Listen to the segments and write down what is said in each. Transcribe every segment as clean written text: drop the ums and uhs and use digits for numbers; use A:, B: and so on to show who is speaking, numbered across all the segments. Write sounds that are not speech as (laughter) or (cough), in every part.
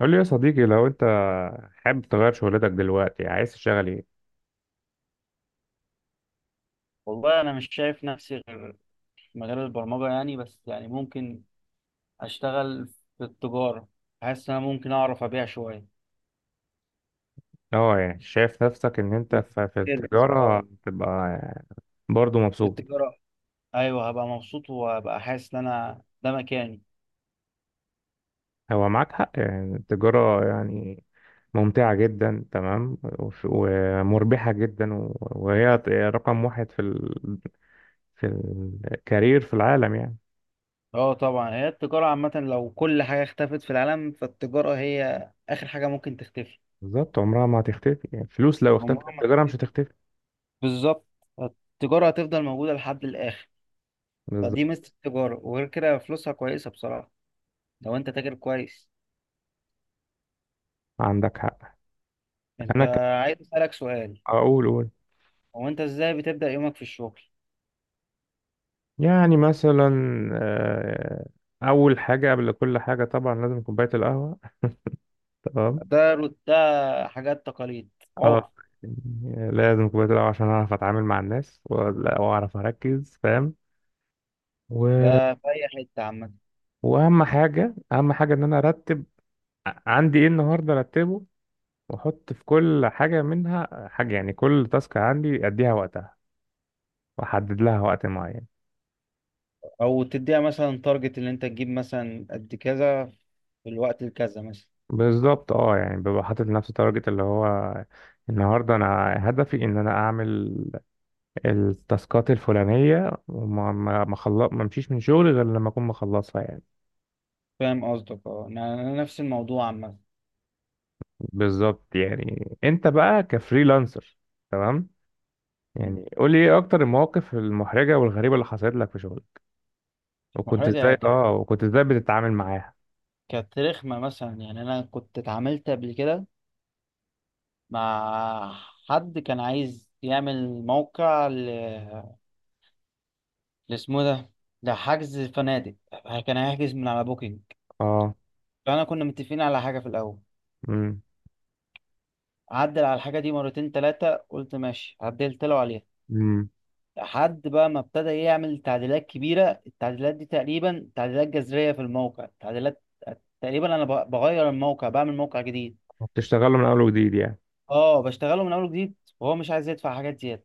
A: قول لي يا صديقي لو انت حابب تغير شغلتك دلوقتي، عايز تشتغل ايه؟
B: والله انا مش شايف نفسي غير في مجال البرمجه، يعني بس يعني ممكن اشتغل في التجاره. حاسس ان انا ممكن اعرف ابيع شويه.
A: اه يعني شايف نفسك ان انت في
B: سيلز،
A: التجارة
B: اه.
A: تبقى برضو
B: في
A: مبسوط؟
B: التجاره. ايوه هبقى مبسوط وهبقى حاسس ان انا ده مكاني.
A: هو معاك حق، يعني التجارة يعني ممتعة جدا. تمام. ومربحة جدا، وهي رقم واحد في في الكارير في العالم يعني.
B: اه طبعا هي التجاره عامه، لو كل حاجه اختفت في العالم فالتجاره هي اخر حاجه ممكن تختفي.
A: بالظبط، عمرها ما هتختفي يعني. فلوس لو اختفت
B: عمرها ما
A: التجارة مش
B: هتختفي.
A: هتختفي.
B: بالظبط. التجاره هتفضل موجوده لحد الاخر.
A: بالظبط،
B: فدي ميزه التجاره، وغير كده فلوسها كويسه بصراحه لو انت تاجر كويس.
A: عندك حق.
B: انت،
A: انا
B: عايز اسالك سؤال.
A: اقول قول.
B: هو انت ازاي بتبدأ يومك في الشغل؟
A: يعني مثلا آه، أول حاجة قبل كل حاجة طبعا لازم كوباية القهوة. تمام.
B: ده حاجات تقاليد. عرف.
A: اه يعني لازم كوباية القهوة عشان أعرف أتعامل مع الناس، وأعرف أركز فاهم، و...
B: ده في اي حتة عامة.
A: وأهم حاجة، أهم حاجة إن أنا أرتب عندي إيه النهاردة أرتبه، وأحط في كل حاجة منها حاجة، يعني كل تاسك عندي أديها وقتها، وأحدد لها وقت معين.
B: او تديها مثلا تارجت اللي انت تجيب مثلا قد كذا في الوقت الكذا مثلا.
A: بالظبط، اه يعني ببقى حاطط لنفسي تارجت اللي هو النهارده انا هدفي ان انا اعمل التاسكات الفلانية، وما ما ما خلص، ما مشيش من شغلي غير لما أكون مخلصها يعني.
B: فاهم قصدك. اه، انا نفس الموضوع عامة.
A: بالظبط، يعني أنت بقى كفريلانسر. تمام.
B: مم.
A: يعني قول لي إيه أكتر المواقف المحرجة والغريبة اللي حصلت لك في شغلك، وكنت
B: محرجة
A: إزاي، وكنت إزاي بتتعامل معاها؟
B: كانت رخمة مثلا. يعني انا كنت اتعاملت قبل كده مع حد كان عايز يعمل موقع ل اسمه ده، لحجز فنادق. كان هيحجز من على بوكينج.
A: أه.
B: فانا كنا متفقين على حاجة في الاول.
A: أمم.
B: عدل على الحاجة دي مرتين تلاتة، قلت ماشي عدلت له عليها.
A: أمم.
B: لحد بقى ما ابتدى إيه يعمل تعديلات كبيرة. التعديلات دي تقريبا تعديلات جذرية في الموقع، تعديلات تقريبا أنا بغير الموقع بعمل موقع جديد.
A: بتشتغلوا من أول وجديد يعني؟
B: اه بشتغله من أول جديد، وهو مش عايز يدفع حاجات زيادة.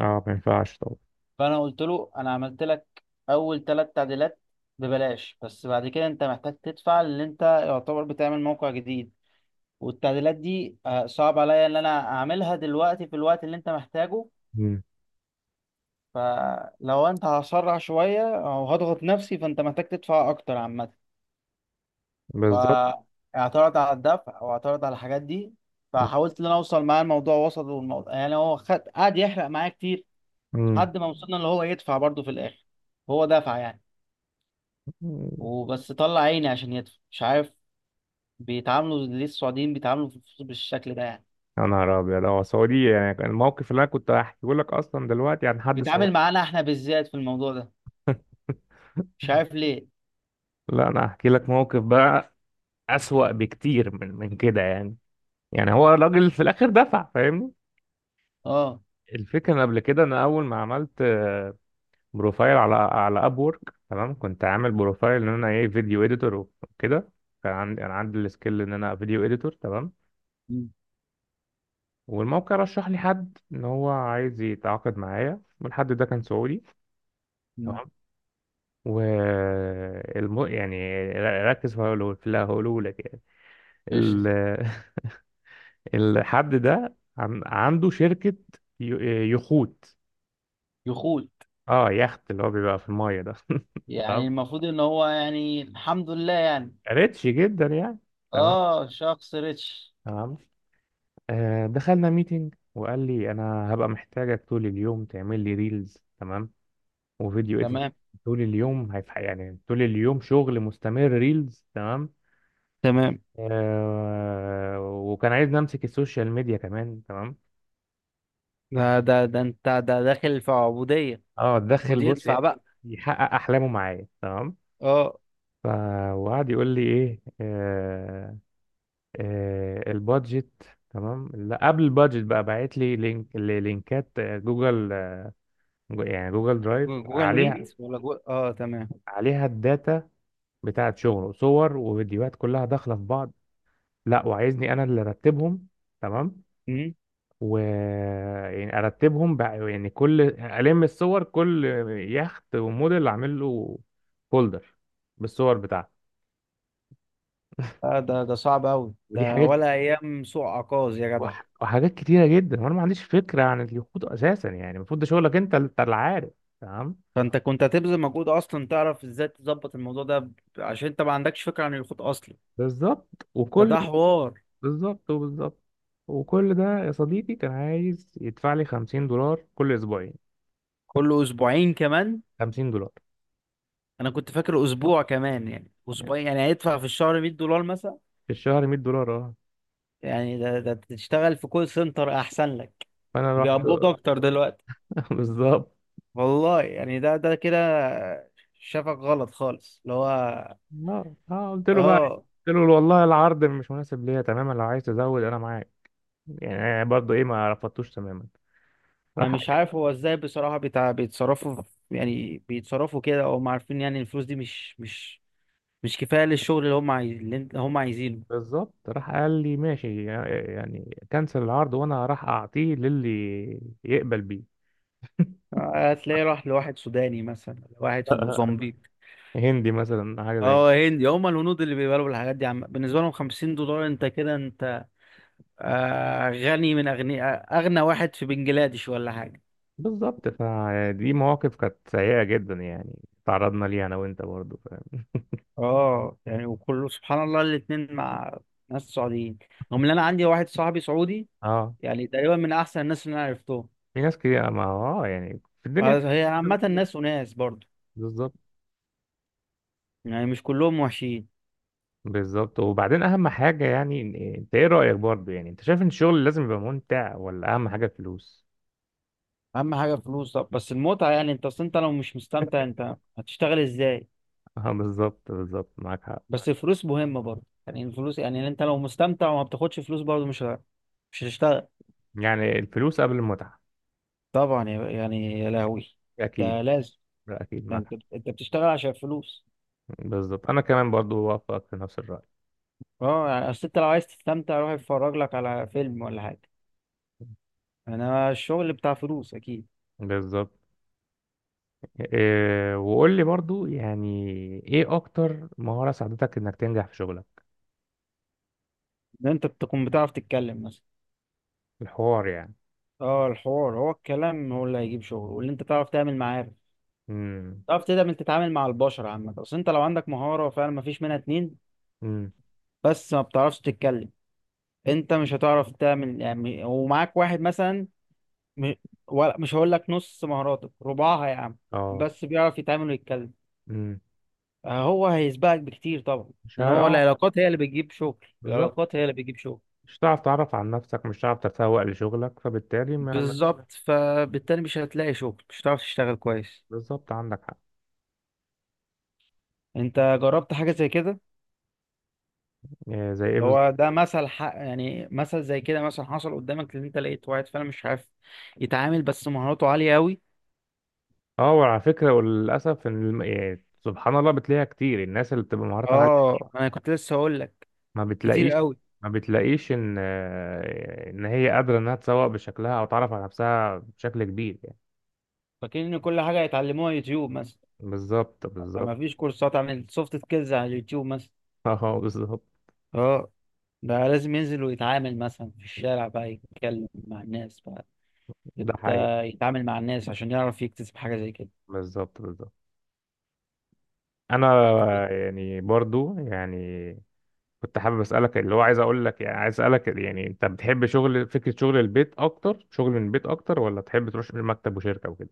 A: أه، ما ينفعش طبعا.
B: فأنا قلت له أنا عملت لك أول تلات تعديلات ببلاش، بس بعد كده أنت محتاج تدفع، لأن أنت يعتبر بتعمل موقع جديد. والتعديلات دي صعب عليا إن أنا أعملها دلوقتي في الوقت اللي أنت محتاجه.
A: أمم.
B: فلو انت هسرع شوية او هضغط نفسي، فانت محتاج تدفع اكتر عامة.
A: بالظبط.
B: فاعترض على الدفع، واعترض على الحاجات دي. فحاولت ان انا اوصل معاه الموضوع وسط، والموضوع يعني هو خد قعد يحرق معايا كتير.
A: أمم.
B: لحد ما وصلنا اللي هو يدفع برضه في الاخر. هو دفع يعني.
A: أمم.
B: وبس طلع عيني عشان يدفع. مش عارف، بيتعاملوا ليه السعوديين بيتعاملوا في الفلوس بالشكل ده يعني.
A: يا نهار أبيض، أه سعودي! يعني الموقف اللي أنا كنت هحكيه لك أصلا دلوقتي عن حد سعودي.
B: بيتعامل معانا احنا بالذات في الموضوع ده.
A: (laughs)
B: مش عارف ليه.
A: لا، انا هحكي لك موقف بقى اسوأ بكتير من كده يعني. يعني هو الراجل في الاخر دفع، فاهمني؟
B: اه.
A: الفكره إن قبل كده انا اول ما عملت بروفايل على اب وورك، تمام. كنت عامل بروفايل ان انا ايه، فيديو اديتور وكده. كان عندي انا، عندي السكيل ان انا فيديو اديتور. تمام.
B: مم.
A: والموقع رشح لي حد ان هو عايز يتعاقد معايا، والحد ده كان سعودي.
B: مم.
A: تمام. و يعني ركز في اللي هقوله لك يعني.
B: قشطة.
A: مم. ال- الحد ده عنده شركة يخوت.
B: يخوت.
A: اه، يخت اللي هو بيبقى في المايه ده. (laughs) تمام،
B: يعني المفروض ان هو يعني الحمد لله يعني.
A: ريتش جدا يعني. تمام.
B: اه شخص ريتش.
A: تمام. آه، دخلنا ميتنج، وقال لي انا هبقى محتاجك طول اليوم تعمل لي ريلز، تمام، وفيديو اديت.
B: تمام.
A: طول اليوم، هيف يعني طول اليوم شغل مستمر ريلز. تمام.
B: تمام.
A: آه، وكان عايزني امسك السوشيال ميديا كمان. تمام.
B: ده انت، ده داخل في عبودية.
A: اه،
B: خد
A: اتدخل بص،
B: يدفع بقى.
A: يحقق احلامه معايا. تمام.
B: اه.
A: ف- وقعد يقول لي ايه، آه البادجت. تمام. لا، قبل البادجت بقى باعت لي لينكات، جوجل، يعني جوجل درايف،
B: جوه الميت
A: عليها
B: ولا جوه؟ اه تمام.
A: عليها الداتا بتاعت شغله، صور وفيديوهات كلها داخله في بعض. لا، وعايزني انا اللي ارتبهم. تمام.
B: مم.
A: و يعني ارتبهم بقى، يعني كل الصور، كل يخت وموديل اعمل له فولدر بالصور بتاعته.
B: آه، ده صعب قوي
A: ودي
B: ده،
A: حاجه،
B: ولا ايام سوق عكاظ يا جدع.
A: وحاجات كتيرة جدا، وانا ما عنديش فكرة عن اليخوت اساسا، يعني المفروض ده شغلك انت، انت اللي عارف. تمام.
B: فانت كنت هتبذل مجهود اصلا تعرف ازاي تظبط الموضوع ده عشان انت ما عندكش فكرة عن الخط اصلا.
A: بالظبط وكل
B: فده حوار.
A: بالظبط وكل ده يا صديقي كان عايز يدفع لي 50 دولار كل اسبوعين.
B: كل اسبوعين كمان؟
A: 50 دولار
B: انا كنت فاكر اسبوع، كمان يعني
A: يعني
B: اسبوعين يعني هيدفع في الشهر 100 دولار مثلا.
A: في الشهر 100 دولار، اه.
B: يعني ده تشتغل في كول سنتر احسن لك.
A: فانا رحت.
B: بيقبضوا اكتر دلوقتي.
A: (laughs) بالظبط.
B: والله يعني ده كده. شافك غلط خالص اللي هو.
A: اه، قلت له بقى،
B: اه.
A: قلت له والله العرض مش مناسب ليا تماما، لو عايز تزود انا معاك. يعني أنا برضه ايه، ما رفضتوش تماما.
B: انا
A: راح.
B: مش عارف هو ازاي بصراحة بيتصرفوا. يعني بيتصرفوا كده، او هم عارفين يعني الفلوس دي مش كفاية للشغل اللي هم هم عايزينه.
A: بالظبط، راح قال لي ماشي، يعني كنسل العرض وانا راح اعطيه للي يقبل بيه.
B: هتلاقيه راح لواحد سوداني مثلا، لواحد في
A: (laughs)
B: موزمبيق.
A: هندي مثلا، حاجه زي كده.
B: اه هندي. هم الهنود اللي بيقبلوا بالحاجات دي. عم بالنسبة لهم 50 دولار انت كده، انت غني من أغنياء، أغنى واحد في بنجلاديش ولا حاجة.
A: بالظبط، فدي مواقف كانت سيئه جدا يعني، تعرضنا ليها انا وانت، برضه فاهم.
B: اه يعني وكله سبحان الله الاتنين مع ناس سعوديين. رغم ان انا عندي واحد صاحبي سعودي،
A: اه،
B: يعني تقريبا من احسن الناس اللي انا عرفتهم.
A: في ناس كتير، ما هو اه يعني في
B: آه،
A: الدنيا.
B: هي عامة ناس وناس برضه.
A: بالظبط.
B: يعني مش كلهم وحشين.
A: بالظبط. وبعدين اهم حاجه يعني، انت ايه رايك برضه؟ يعني انت شايف ان الشغل لازم يبقى ممتع، ولا اهم حاجه الفلوس؟
B: اهم حاجة فلوس. طب بس المتعة، يعني انت اصل انت لو مش مستمتع انت هتشتغل ازاي؟
A: (laughs) اه بالظبط، بالظبط معاك حق.
B: بس الفلوس مهمة برضه. يعني الفلوس، يعني انت لو مستمتع وما بتاخدش فلوس برضه مش هتشتغل.
A: يعني الفلوس قبل المتعه.
B: طبعا يعني يا لهوي،
A: اكيد.
B: ده لازم.
A: اكيد
B: يعني
A: معاك.
B: انت بتشتغل عشان فلوس.
A: بالظبط، انا كمان برضو وافقك في نفس الرأي.
B: اه يعني اصل انت لو عايز تستمتع روح اتفرج لك على فيلم ولا حاجه. انا الشغل بتاع فلوس اكيد.
A: بالظبط، إيه، وقول لي برضو، يعني ايه اكتر مهارة ساعدتك انك تنجح في شغلك؟
B: ان انت تكون بتعرف تتكلم مثلا.
A: الحوار يعني.
B: اه، الحوار هو الكلام، هو اللي هيجيب شغل، واللي انت تعرف تعمل معارف.
A: امم.
B: تعرف تقدر انت تتعامل مع البشر عامه. اصل انت لو عندك مهاره فعلا ما فيش منها اتنين،
A: امم.
B: بس ما بتعرفش تتكلم، انت مش هتعرف تعمل يعني. ومعاك واحد مثلا م- ولا مش هقول لك نص مهاراتك، ربعها يا عم،
A: اه.
B: بس بيعرف يتعامل ويتكلم،
A: امم.
B: هو هيسبقك بكتير طبعا.
A: مش ه...
B: لان هو
A: اه.
B: العلاقات هي اللي بتجيب شغل.
A: بالظبط،
B: العلاقات هي اللي بتجيب شغل.
A: مش هتعرف تعرف عن نفسك، مش هتعرف تتسوق لشغلك، فبالتالي
B: بالظبط، فبالتالي مش هتلاقي شغل، مش هتعرف تشتغل كويس.
A: بالظبط، عندك حق.
B: انت جربت حاجة زي كده؟
A: إيه زي ايه
B: اللي
A: بالظبط؟
B: هو ده مثل حق، يعني مثل زي كده مثلا حصل قدامك ان انت لقيت واحد فعلا مش عارف يتعامل، بس مهاراته عالية قوي.
A: اه، وعلى فكرة وللاسف ان يعني سبحان الله، بتلاقيها كتير، الناس اللي بتبقى مهاراتها
B: اه. انا كنت لسه هقول لك،
A: ما
B: كتير
A: بتلاقيش،
B: قوي.
A: ما بتلاقيش ان ان هي قادره انها تسوق بشكلها او تعرف على نفسها بشكل كبير يعني.
B: فاكرين ان كل حاجة هيتعلموها يوتيوب مثلا.
A: بالظبط.
B: ما
A: بالظبط.
B: فيش كورسات عن السوفت سكيلز على اليوتيوب مثلا.
A: (laughs) اه بالظبط.
B: اه. بقى لازم ينزل ويتعامل مثلا في الشارع، بقى يتكلم مع الناس بقى،
A: ده
B: يت-
A: حقيقي.
B: يتعامل مع الناس عشان يعرف يكتسب حاجة زي كده.
A: بالظبط. بالظبط. انا
B: طب.
A: يعني برضو يعني كنت حابب اسالك، اللي هو عايز اقول لك، يعني عايز اسالك، يعني انت بتحب شغل، فكره شغل البيت اكتر، شغل من البيت اكتر، ولا تحب تروح مكتب وشركه وكده؟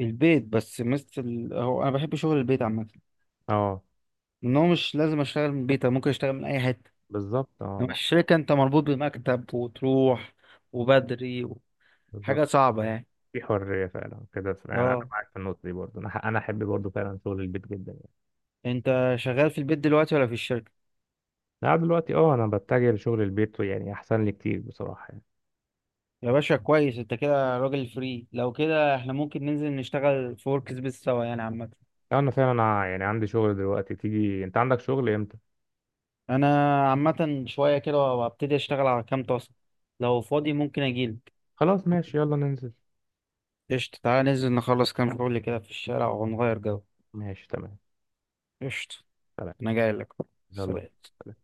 B: البيت بس مثل. هو انا بحب شغل البيت عامة.
A: اه
B: ان هو مش لازم اشتغل من البيت، أنا ممكن اشتغل من اي حتة.
A: بالظبط. اه
B: انما الشركة انت مربوط بمكتب، وتروح وبدري، حاجة
A: بالظبط.
B: صعبة يعني.
A: في حريه فعلا كده يعني. انا
B: اه.
A: معاك في النقطه دي برضو. انا انا احب برضو فعلا شغل البيت جدا.
B: انت شغال في البيت دلوقتي ولا في الشركة؟
A: لا، دلوقتي اه انا بتجه لشغل البيت، يعني احسن لي كتير بصراحة يعني.
B: يا باشا كويس. انت كده راجل فري، لو كده احنا ممكن ننزل نشتغل في ورك سبيس سوا يعني عامة.
A: لو انا فعلا يعني عندي شغل دلوقتي، تيجي؟ انت عندك شغل امتى؟
B: انا عامه شويه كده وابتدي اشتغل على كام تاسك، لو فاضي ممكن اجيلك.
A: خلاص ماشي، يلا ننزل.
B: قشطة. تعالى ننزل نخلص كام شغل كده في الشارع ونغير جو.
A: ماشي تمام.
B: قشطة.
A: تمام.
B: انا جاي لك.
A: يلا
B: سلام.
A: بينا.